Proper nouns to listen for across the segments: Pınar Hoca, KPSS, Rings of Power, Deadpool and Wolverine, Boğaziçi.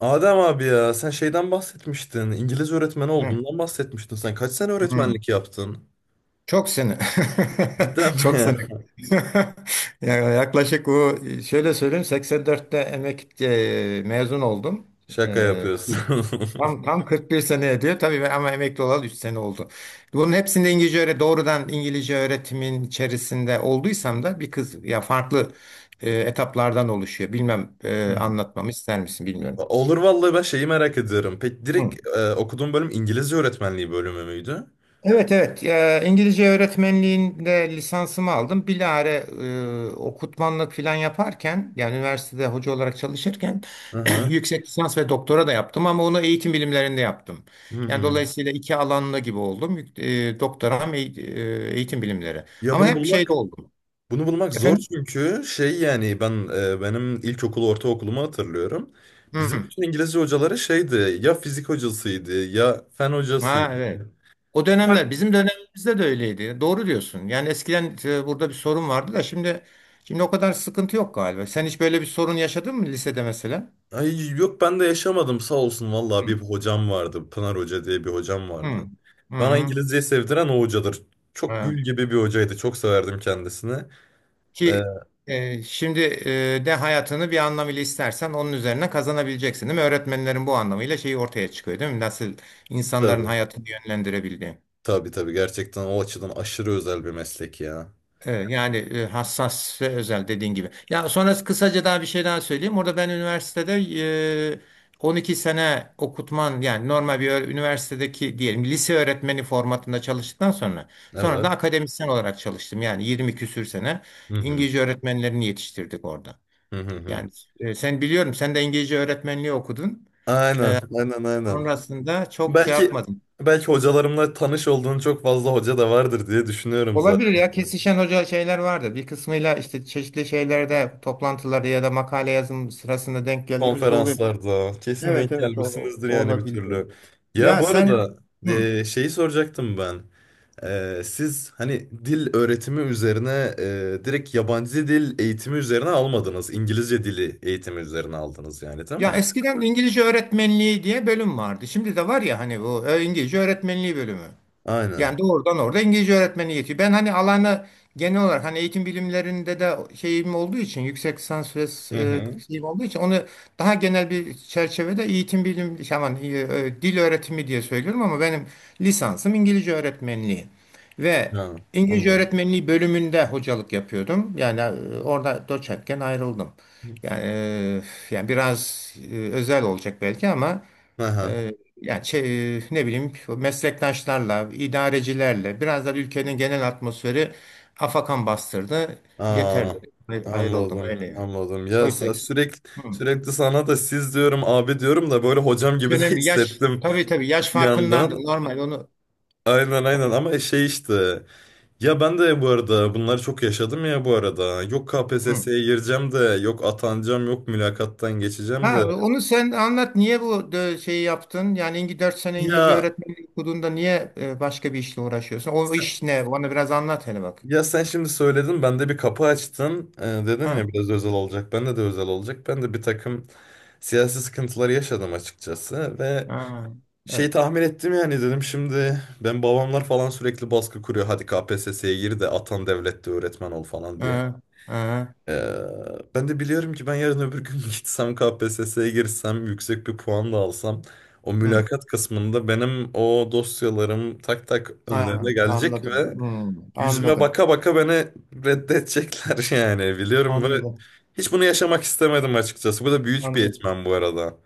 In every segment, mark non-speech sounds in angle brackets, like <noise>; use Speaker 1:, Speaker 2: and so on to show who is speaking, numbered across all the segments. Speaker 1: Adem abi ya sen şeyden bahsetmiştin. İngiliz öğretmeni
Speaker 2: Hı,
Speaker 1: olduğundan bahsetmiştin sen. Kaç sene
Speaker 2: hı.
Speaker 1: öğretmenlik yaptın?
Speaker 2: Çok sene.
Speaker 1: Cidden
Speaker 2: <laughs>
Speaker 1: mi
Speaker 2: Çok
Speaker 1: ya?
Speaker 2: sene. <laughs> Ya Yaklaşık bu şöyle söyleyeyim 84'te mezun oldum.
Speaker 1: <laughs> Şaka
Speaker 2: E,
Speaker 1: yapıyorsun. <laughs>
Speaker 2: tam 41 sene ediyor tabii ben, ama emekli olalı 3 sene oldu. Bunun hepsinde İngilizce öğre doğrudan İngilizce öğretimin içerisinde olduysam da bir kız ya farklı etaplardan oluşuyor. Bilmem,
Speaker 1: Hmm.
Speaker 2: anlatmamı ister misin bilmiyorum.
Speaker 1: Olur vallahi ben şeyi merak ediyorum. Peki direkt okuduğun bölüm İngilizce öğretmenliği bölümü müydü?
Speaker 2: Evet, evet. İngilizce öğretmenliğinde lisansımı aldım. Bilare okutmanlık falan yaparken, yani üniversitede hoca olarak çalışırken,
Speaker 1: Hı
Speaker 2: <clears throat>
Speaker 1: hı.
Speaker 2: yüksek lisans ve doktora da yaptım ama onu eğitim bilimlerinde yaptım.
Speaker 1: Hı
Speaker 2: Yani
Speaker 1: hı.
Speaker 2: dolayısıyla iki alanlı gibi oldum. Doktoram eğitim bilimleri.
Speaker 1: Ya
Speaker 2: Ama
Speaker 1: bunu
Speaker 2: hep şeyde
Speaker 1: bulmak,
Speaker 2: oldum.
Speaker 1: bunu bulmak zor
Speaker 2: Efendim?
Speaker 1: çünkü şey yani benim ilkokulu ortaokulumu hatırlıyorum. Bizim
Speaker 2: Hı.
Speaker 1: bütün İngilizce hocaları şeydi ya fizik hocasıydı ya fen
Speaker 2: Ha,
Speaker 1: hocasıydı.
Speaker 2: evet. O dönemler, bizim dönemimizde de öyleydi. Doğru diyorsun. Yani eskiden burada bir sorun vardı da şimdi o kadar sıkıntı yok galiba. Sen hiç böyle bir sorun yaşadın mı lisede mesela?
Speaker 1: Ay yok ben de yaşamadım sağ olsun
Speaker 2: Hı.
Speaker 1: vallahi bir hocam vardı. Pınar Hoca diye bir hocam vardı.
Speaker 2: Hı. Hı,
Speaker 1: Bana
Speaker 2: hı.
Speaker 1: İngilizceyi sevdiren o hocadır. Çok
Speaker 2: Ha.
Speaker 1: gül gibi bir hocaydı. Çok severdim kendisini. Ee,
Speaker 2: Ki şimdi de hayatını bir anlamıyla istersen onun üzerine kazanabileceksin, değil mi? Öğretmenlerin bu anlamıyla şeyi ortaya çıkıyor, değil mi? Nasıl insanların
Speaker 1: tabii.
Speaker 2: hayatını yönlendirebildiği.
Speaker 1: Tabii tabii gerçekten o açıdan aşırı özel bir meslek ya.
Speaker 2: Evet, yani, hassas ve özel dediğin gibi. Ya sonra kısaca daha bir şey daha söyleyeyim. Orada ben üniversitede e, 12 sene okutman, yani normal bir üniversitedeki diyelim lise öğretmeni formatında çalıştıktan sonra da
Speaker 1: Evet.
Speaker 2: akademisyen olarak çalıştım. Yani 20 küsür sene
Speaker 1: Hı hı.
Speaker 2: İngilizce öğretmenlerini yetiştirdik orada.
Speaker 1: Hı hı hı.
Speaker 2: Yani, sen, biliyorum, sen de İngilizce öğretmenliği okudun.
Speaker 1: Aynen, aynen, aynen.
Speaker 2: Sonrasında çok şey
Speaker 1: Belki
Speaker 2: yapmadın.
Speaker 1: belki hocalarımla tanış olduğun çok fazla hoca da vardır diye düşünüyorum
Speaker 2: Olabilir
Speaker 1: zaten.
Speaker 2: ya, kesişen hoca şeyler vardır. Bir kısmıyla işte çeşitli şeylerde, toplantılarda ya da makale yazım sırasında denk geldiğimizde oluyor.
Speaker 1: Konferanslarda kesin
Speaker 2: Evet,
Speaker 1: denk
Speaker 2: evet, o,
Speaker 1: gelmişsinizdir
Speaker 2: o
Speaker 1: yani bir
Speaker 2: olabilir.
Speaker 1: türlü. Ya
Speaker 2: Ya
Speaker 1: bu
Speaker 2: sen,
Speaker 1: arada
Speaker 2: hı.
Speaker 1: şeyi soracaktım ben. Siz hani dil öğretimi üzerine direkt yabancı dil eğitimi üzerine almadınız. İngilizce dili eğitimi üzerine aldınız yani değil
Speaker 2: Ya
Speaker 1: mi?
Speaker 2: eskiden İngilizce öğretmenliği diye bölüm vardı. Şimdi de var ya, hani bu İngilizce öğretmenliği bölümü.
Speaker 1: Aynen.
Speaker 2: Yani doğrudan orada İngilizce öğretmeni yetiyor. Ben hani alana genel olarak, hani eğitim bilimlerinde de şeyim olduğu için yüksek lisans ve
Speaker 1: Hı
Speaker 2: e,
Speaker 1: hı.
Speaker 2: şeyim olduğu için onu daha genel bir çerçevede, eğitim bilim, aman, dil öğretimi diye söylüyorum ama benim lisansım İngilizce öğretmenliği ve
Speaker 1: Ha,
Speaker 2: İngilizce
Speaker 1: anladım.
Speaker 2: öğretmenliği bölümünde hocalık yapıyordum. Yani, orada doçentken ayrıldım. Yani, e, yani, biraz özel olacak belki ama,
Speaker 1: Aha.
Speaker 2: ee, yani, ne bileyim, meslektaşlarla, idarecilerle, biraz da ülkenin genel atmosferi afakan bastırdı. Yeter
Speaker 1: Aa,
Speaker 2: dedi. Ayrıldım,
Speaker 1: anladım.
Speaker 2: öyle yani.
Speaker 1: Anladım. Ya
Speaker 2: Oysa ki
Speaker 1: sürekli
Speaker 2: hı.
Speaker 1: sürekli sana da siz diyorum abi diyorum da böyle hocam
Speaker 2: Hiç
Speaker 1: gibi de <laughs>
Speaker 2: önemli, yaş,
Speaker 1: hissettim
Speaker 2: tabii tabii, yaş
Speaker 1: bir
Speaker 2: farkındandır,
Speaker 1: yandan.
Speaker 2: normal
Speaker 1: Aynen aynen
Speaker 2: onu-
Speaker 1: ama şey işte ya ben de bu arada bunları çok yaşadım ya bu arada yok
Speaker 2: hı.
Speaker 1: KPSS'ye gireceğim de yok atanacağım yok mülakattan geçeceğim de
Speaker 2: Ha, onu sen anlat, niye bu şeyi yaptın? Yani 4 sene İngilizce
Speaker 1: ya
Speaker 2: öğretmenlik okuduğunda niye başka bir işle uğraşıyorsun? O
Speaker 1: sen-
Speaker 2: iş ne? Bana biraz anlat hele bak.
Speaker 1: ya sen şimdi söyledin ben de bir kapı açtın. Dedim ya
Speaker 2: Ha,
Speaker 1: biraz özel olacak bende de özel olacak ben de bir takım siyasi sıkıntıları yaşadım açıkçası ve
Speaker 2: ha,
Speaker 1: şey
Speaker 2: evet.
Speaker 1: tahmin ettim yani dedim şimdi ben babamlar falan sürekli baskı kuruyor hadi KPSS'ye gir de atan devlette öğretmen ol falan diye.
Speaker 2: Ha, ha,
Speaker 1: Ee, ben de biliyorum ki ben yarın öbür gün <laughs> gitsem KPSS'ye girsem yüksek bir puan da alsam o
Speaker 2: hı.
Speaker 1: mülakat kısmında benim o dosyalarım tak tak önlerine
Speaker 2: Ha,
Speaker 1: gelecek
Speaker 2: anladım.
Speaker 1: ve
Speaker 2: Hmm,
Speaker 1: yüzüme
Speaker 2: anladım.
Speaker 1: baka baka beni reddedecekler <laughs> yani biliyorum ve
Speaker 2: Anladım.
Speaker 1: hiç bunu yaşamak istemedim açıkçası. Bu da büyük bir
Speaker 2: Anladım.
Speaker 1: etmen bu arada.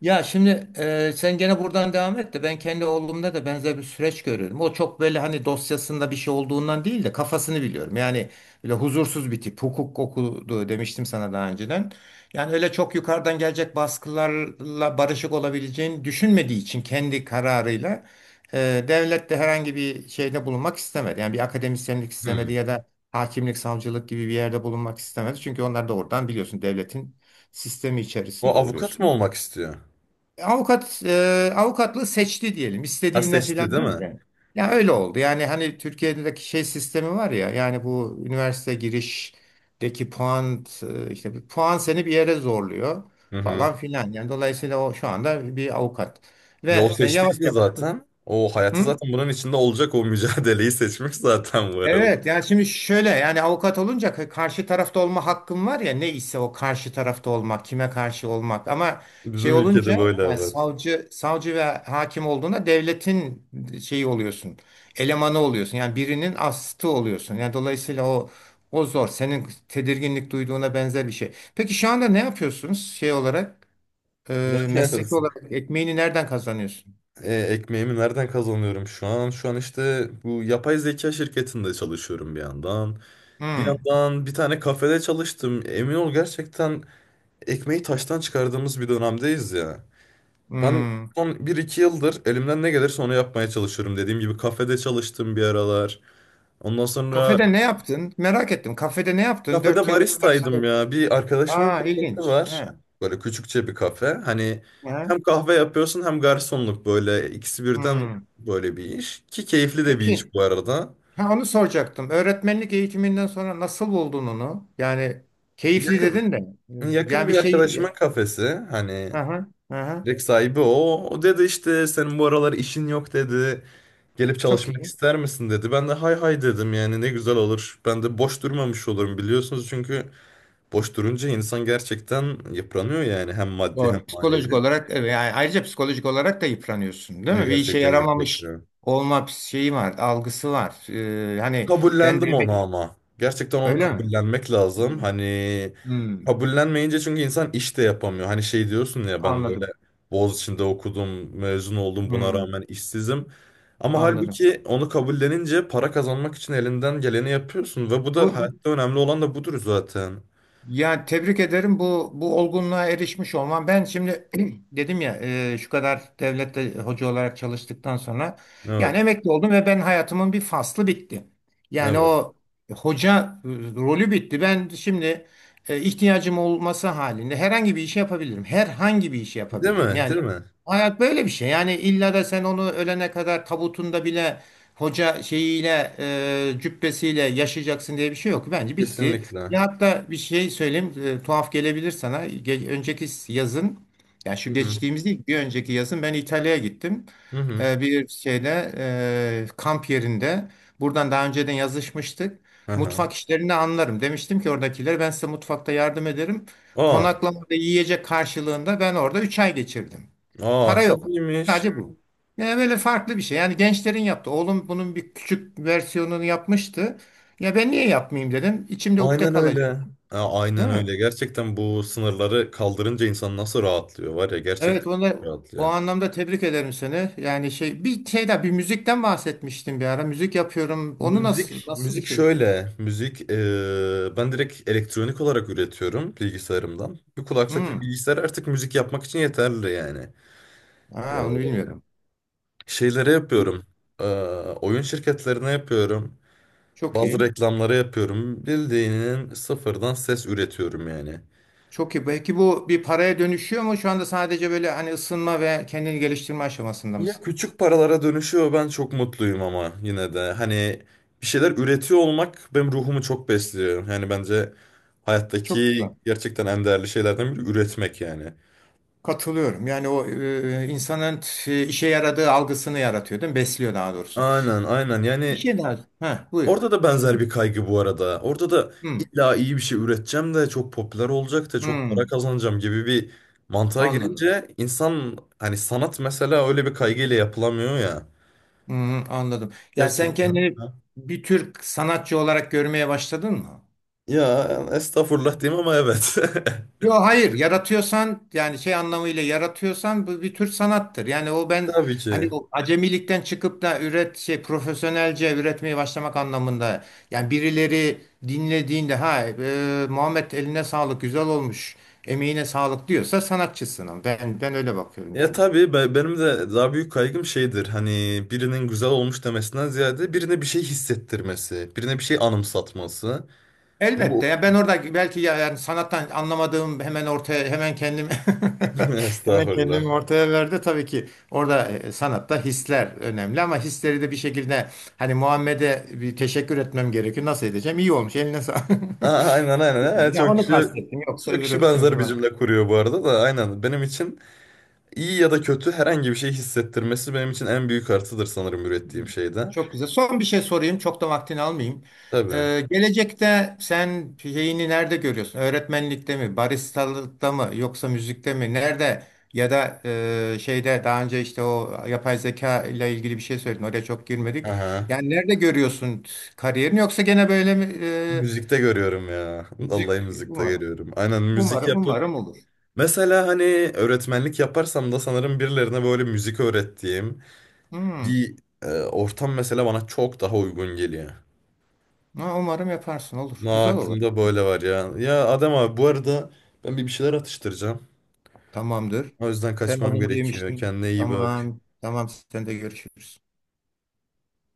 Speaker 2: Ya şimdi, sen gene buradan devam et de ben kendi oğlumda da benzer bir süreç görüyorum. O çok böyle, hani dosyasında bir şey olduğundan değil de, kafasını biliyorum. Yani böyle huzursuz bir tip. Hukuk okudu demiştim sana daha önceden. Yani öyle çok yukarıdan gelecek baskılarla barışık olabileceğini düşünmediği için kendi kararıyla, e, devlet de herhangi bir şeyde bulunmak istemedi. Yani bir akademisyenlik istemedi
Speaker 1: Hmm.
Speaker 2: ya da hakimlik, savcılık gibi bir yerde bulunmak istemedi. Çünkü onlar da oradan, biliyorsun, devletin sistemi
Speaker 1: O
Speaker 2: içerisinde
Speaker 1: avukat mı
Speaker 2: oluyorsun.
Speaker 1: olmak istiyor?
Speaker 2: Avukatlığı seçti diyelim.
Speaker 1: Ha
Speaker 2: İstediğinden
Speaker 1: seçti
Speaker 2: filan
Speaker 1: değil
Speaker 2: değil
Speaker 1: mi?
Speaker 2: de. Ya öyle oldu. Yani hani Türkiye'deki şey sistemi var ya. Yani bu üniversite girişteki puan, işte bir puan seni bir yere zorluyor
Speaker 1: Hı hı.
Speaker 2: falan filan. Yani dolayısıyla o şu anda bir avukat.
Speaker 1: Yol
Speaker 2: Ve, yavaş
Speaker 1: seçtiyse
Speaker 2: yavaş.
Speaker 1: zaten o hayatı
Speaker 2: Hı?
Speaker 1: zaten bunun içinde olacak o mücadeleyi seçmiş zaten bu arada.
Speaker 2: Evet, yani şimdi şöyle, yani avukat olunca karşı tarafta olma hakkım var ya, ne ise o karşı tarafta olmak, kime karşı olmak, ama şey
Speaker 1: Bizim
Speaker 2: olunca,
Speaker 1: ülkede böyle
Speaker 2: yani
Speaker 1: haber.
Speaker 2: savcı ve hakim olduğunda, devletin şeyi oluyorsun, elemanı oluyorsun, yani birinin astı oluyorsun, yani dolayısıyla o zor, senin tedirginlik duyduğuna benzer bir şey. Peki şu anda ne yapıyorsunuz, şey olarak,
Speaker 1: Yani,
Speaker 2: mesleki olarak ekmeğini nereden kazanıyorsun?
Speaker 1: <laughs> ekmeğimi nereden kazanıyorum şu an? Şu an işte bu yapay zeka şirketinde çalışıyorum bir yandan. Bir
Speaker 2: Hmm,
Speaker 1: yandan bir tane kafede çalıştım. Emin ol gerçekten ekmeği taştan çıkardığımız bir dönemdeyiz ya. Ben
Speaker 2: hmm.
Speaker 1: son bir iki yıldır elimden ne gelirse onu yapmaya çalışıyorum. Dediğim gibi kafede çalıştım bir aralar. Ondan sonra
Speaker 2: Kafede ne yaptın? Merak ettim. Kafede ne yaptın?
Speaker 1: kafede
Speaker 2: 4 yıl üniversite.
Speaker 1: baristaydım ya. Bir arkadaşımın
Speaker 2: Aa,
Speaker 1: kafesi
Speaker 2: ilginç.
Speaker 1: var.
Speaker 2: He.
Speaker 1: Böyle küçükçe bir kafe. Hani
Speaker 2: He.
Speaker 1: hem kahve yapıyorsun hem garsonluk böyle ikisi birden
Speaker 2: Hmm.
Speaker 1: böyle bir iş. Ki keyifli de bir
Speaker 2: Peki.
Speaker 1: iş bu arada.
Speaker 2: Ha, onu soracaktım. Öğretmenlik eğitiminden sonra nasıl buldun onu? Yani keyifli
Speaker 1: Yakın
Speaker 2: dedin de.
Speaker 1: yakın
Speaker 2: Yani
Speaker 1: bir
Speaker 2: bir şey.
Speaker 1: arkadaşımın kafesi. Hani
Speaker 2: Aha, aha.
Speaker 1: direkt sahibi o. O dedi işte senin bu aralar işin yok dedi. Gelip
Speaker 2: Çok
Speaker 1: çalışmak
Speaker 2: iyi.
Speaker 1: ister misin dedi. Ben de hay hay dedim yani ne güzel olur. Ben de boş durmamış olurum biliyorsunuz çünkü boş durunca insan gerçekten yıpranıyor yani hem maddi hem
Speaker 2: Doğru. Psikolojik
Speaker 1: manevi.
Speaker 2: olarak, evet, yani ayrıca psikolojik olarak da yıpranıyorsun, değil
Speaker 1: Ya
Speaker 2: mi? Bir işe
Speaker 1: gerçekten
Speaker 2: yaramamış
Speaker 1: yıpratıyorum.
Speaker 2: olma şeyi var, algısı var. Hani ben
Speaker 1: Kabullendim onu
Speaker 2: demek,
Speaker 1: ama. Gerçekten onu
Speaker 2: öyle mi?
Speaker 1: kabullenmek lazım.
Speaker 2: Hmm,
Speaker 1: Hani
Speaker 2: hmm,
Speaker 1: kabullenmeyince çünkü insan iş de yapamıyor. Hani şey diyorsun ya ben böyle
Speaker 2: anladım.
Speaker 1: Boğaziçi'nde okudum, mezun oldum buna
Speaker 2: Hmm,
Speaker 1: rağmen işsizim. Ama
Speaker 2: anladım.
Speaker 1: halbuki onu kabullenince para kazanmak için elinden geleni yapıyorsun ve bu da
Speaker 2: Bu, bu-
Speaker 1: hayatta önemli olan da budur zaten.
Speaker 2: Ya tebrik ederim bu olgunluğa erişmiş olman. Ben şimdi <clears throat> dedim ya, şu kadar devlette hoca olarak çalıştıktan sonra, yani
Speaker 1: Evet.
Speaker 2: emekli oldum ve ben, hayatımın bir faslı bitti. Yani
Speaker 1: Evet.
Speaker 2: o hoca rolü bitti. Ben şimdi, ihtiyacım olması halinde herhangi bir işi yapabilirim. Herhangi bir işi
Speaker 1: Değil
Speaker 2: yapabilirim.
Speaker 1: mi?
Speaker 2: Yani
Speaker 1: Değil mi?
Speaker 2: hayat böyle bir şey. Yani illa da sen onu ölene kadar tabutunda bile hoca şeyiyle, cübbesiyle yaşayacaksın diye bir şey yok. Bence bitti.
Speaker 1: Kesinlikle.
Speaker 2: Ya hatta bir şey söyleyeyim, tuhaf gelebilir sana. Önceki yazın, yani şu
Speaker 1: Hı hı.
Speaker 2: geçtiğimiz değil, bir önceki yazın ben İtalya'ya gittim.
Speaker 1: Hı hı.
Speaker 2: Bir şeyde, kamp yerinde, buradan daha önceden yazışmıştık.
Speaker 1: Aha.
Speaker 2: Mutfak işlerini anlarım. Demiştim ki oradakilere, ben size mutfakta yardım ederim.
Speaker 1: Aa.
Speaker 2: Konaklamada yiyecek karşılığında ben orada 3 ay geçirdim.
Speaker 1: Aa
Speaker 2: Para
Speaker 1: çok
Speaker 2: yok.
Speaker 1: iyiymiş.
Speaker 2: Sadece bu. Yani böyle farklı bir şey. Yani gençlerin yaptı. Oğlum bunun bir küçük versiyonunu yapmıştı. Ya ben niye yapmayayım dedim. İçimde ukde
Speaker 1: Aynen
Speaker 2: kalacak,
Speaker 1: öyle. Ha, aynen
Speaker 2: değil mi?
Speaker 1: öyle. Gerçekten bu sınırları kaldırınca insan nasıl rahatlıyor var ya
Speaker 2: Evet,
Speaker 1: gerçekten
Speaker 2: onu o
Speaker 1: rahatlıyor.
Speaker 2: anlamda tebrik ederim seni. Yani şey, bir şey daha, bir müzikten bahsetmiştim bir ara. Müzik yapıyorum. Onu nasıl
Speaker 1: Müzik,
Speaker 2: nasıl bir
Speaker 1: müzik
Speaker 2: şey?
Speaker 1: şöyle. Müzik ben direkt elektronik olarak üretiyorum bilgisayarımdan. Bir kulaklık bir
Speaker 2: Hmm.
Speaker 1: bilgisayar artık müzik yapmak için yeterli yani.
Speaker 2: Aa, onu
Speaker 1: Eee
Speaker 2: bilmiyorum.
Speaker 1: şeylere yapıyorum. Eee, oyun şirketlerine yapıyorum.
Speaker 2: Çok
Speaker 1: Bazı
Speaker 2: iyi.
Speaker 1: reklamlara yapıyorum. Bildiğinin sıfırdan ses üretiyorum yani.
Speaker 2: Çok iyi. Belki bu bir paraya dönüşüyor mu? Şu anda sadece böyle, hani ısınma ve kendini geliştirme aşamasında
Speaker 1: Ya
Speaker 2: mısın?
Speaker 1: küçük paralara dönüşüyor ben çok mutluyum ama yine de hani bir şeyler üretiyor olmak benim ruhumu çok besliyor. Yani bence
Speaker 2: Çok
Speaker 1: hayattaki
Speaker 2: güzel.
Speaker 1: gerçekten en değerli şeylerden biri üretmek yani.
Speaker 2: Katılıyorum. Yani o, insanın işe yaradığı algısını yaratıyor, değil mi? Besliyor daha doğrusu.
Speaker 1: Aynen aynen yani
Speaker 2: İşe daha. Ha, buyur.
Speaker 1: orada da
Speaker 2: Hı.
Speaker 1: benzer bir kaygı bu arada. Orada da
Speaker 2: Hı.
Speaker 1: illa iyi bir şey üreteceğim de çok popüler olacak da çok
Speaker 2: Hı.
Speaker 1: para kazanacağım gibi bir mantığa
Speaker 2: Anladım.
Speaker 1: girince insan hani sanat mesela öyle bir kaygıyla yapılamıyor ya.
Speaker 2: Hı hı, anladım. Yani sen
Speaker 1: Gerçekten.
Speaker 2: kendini bir tür sanatçı olarak görmeye başladın mı?
Speaker 1: Ya estağfurullah diyeyim ama evet.
Speaker 2: Yok, hayır, yaratıyorsan, yani şey anlamıyla yaratıyorsan, bu bir tür sanattır. Yani o
Speaker 1: <laughs>
Speaker 2: ben,
Speaker 1: Tabii
Speaker 2: hani
Speaker 1: ki.
Speaker 2: o acemilikten çıkıp da şey, profesyonelce üretmeye başlamak anlamında. Yani birileri dinlediğinde, ha, Muhammed eline sağlık, güzel olmuş, emeğine sağlık diyorsa sanatçısın. Ben öyle bakıyorum
Speaker 1: Ya
Speaker 2: yani.
Speaker 1: tabii benim de daha büyük kaygım şeydir. Hani birinin güzel olmuş demesinden ziyade birine bir şey hissettirmesi, birine bir şey anımsatması. Bu
Speaker 2: Elbette ya, ben orada belki, ya yani sanattan anlamadığım hemen ortaya, hemen kendimi
Speaker 1: <laughs>
Speaker 2: <laughs> hemen
Speaker 1: estağfurullah.
Speaker 2: kendimi ortaya verdi tabii ki, orada, sanatta hisler önemli ama hisleri de bir şekilde, hani Muhammed'e bir teşekkür etmem gerekiyor, nasıl edeceğim, iyi olmuş, eline sağlık <laughs>
Speaker 1: Aa, aynen aynen. Ha,
Speaker 2: ya
Speaker 1: çok
Speaker 2: onu
Speaker 1: kişi
Speaker 2: kastettim, yoksa
Speaker 1: çok
Speaker 2: öbürü
Speaker 1: kişi benzer
Speaker 2: öbürü
Speaker 1: bir cümle kuruyor bu arada da aynen. Benim için iyi ya da kötü herhangi bir şey hissettirmesi benim için en büyük artıdır sanırım ürettiğim şeyde.
Speaker 2: Çok güzel. Son bir şey sorayım. Çok da vaktini almayayım.
Speaker 1: Tabii.
Speaker 2: Gelecekte sen şeyini nerede görüyorsun? Öğretmenlikte mi, baristalıkta mı, yoksa müzikte mi? Nerede? Ya da, şeyde, daha önce işte o yapay zeka ile ilgili bir şey söyledin. Oraya çok girmedik.
Speaker 1: Aha.
Speaker 2: Yani nerede görüyorsun kariyerini? Yoksa gene böyle mi? e,
Speaker 1: Müzikte görüyorum ya. <laughs>
Speaker 2: müzik
Speaker 1: Vallahi müzikte
Speaker 2: umarım,
Speaker 1: görüyorum. Aynen müzik
Speaker 2: umarım,
Speaker 1: yapıp
Speaker 2: umarım olur.
Speaker 1: mesela hani öğretmenlik yaparsam da sanırım birilerine böyle müzik öğrettiğim
Speaker 2: Hmm.
Speaker 1: bir ortam mesela bana çok daha uygun geliyor.
Speaker 2: Ha, umarım yaparsın. Olur.
Speaker 1: Ama
Speaker 2: Güzel olur.
Speaker 1: aklımda böyle var ya. Ya Adem abi bu arada ben bir şeyler atıştıracağım.
Speaker 2: Tamamdır.
Speaker 1: O yüzden
Speaker 2: Ben az
Speaker 1: kaçmam
Speaker 2: önce
Speaker 1: gerekiyor.
Speaker 2: yemiştim.
Speaker 1: Kendine iyi bak.
Speaker 2: Tamam. Tamam. Sen de görüşürüz.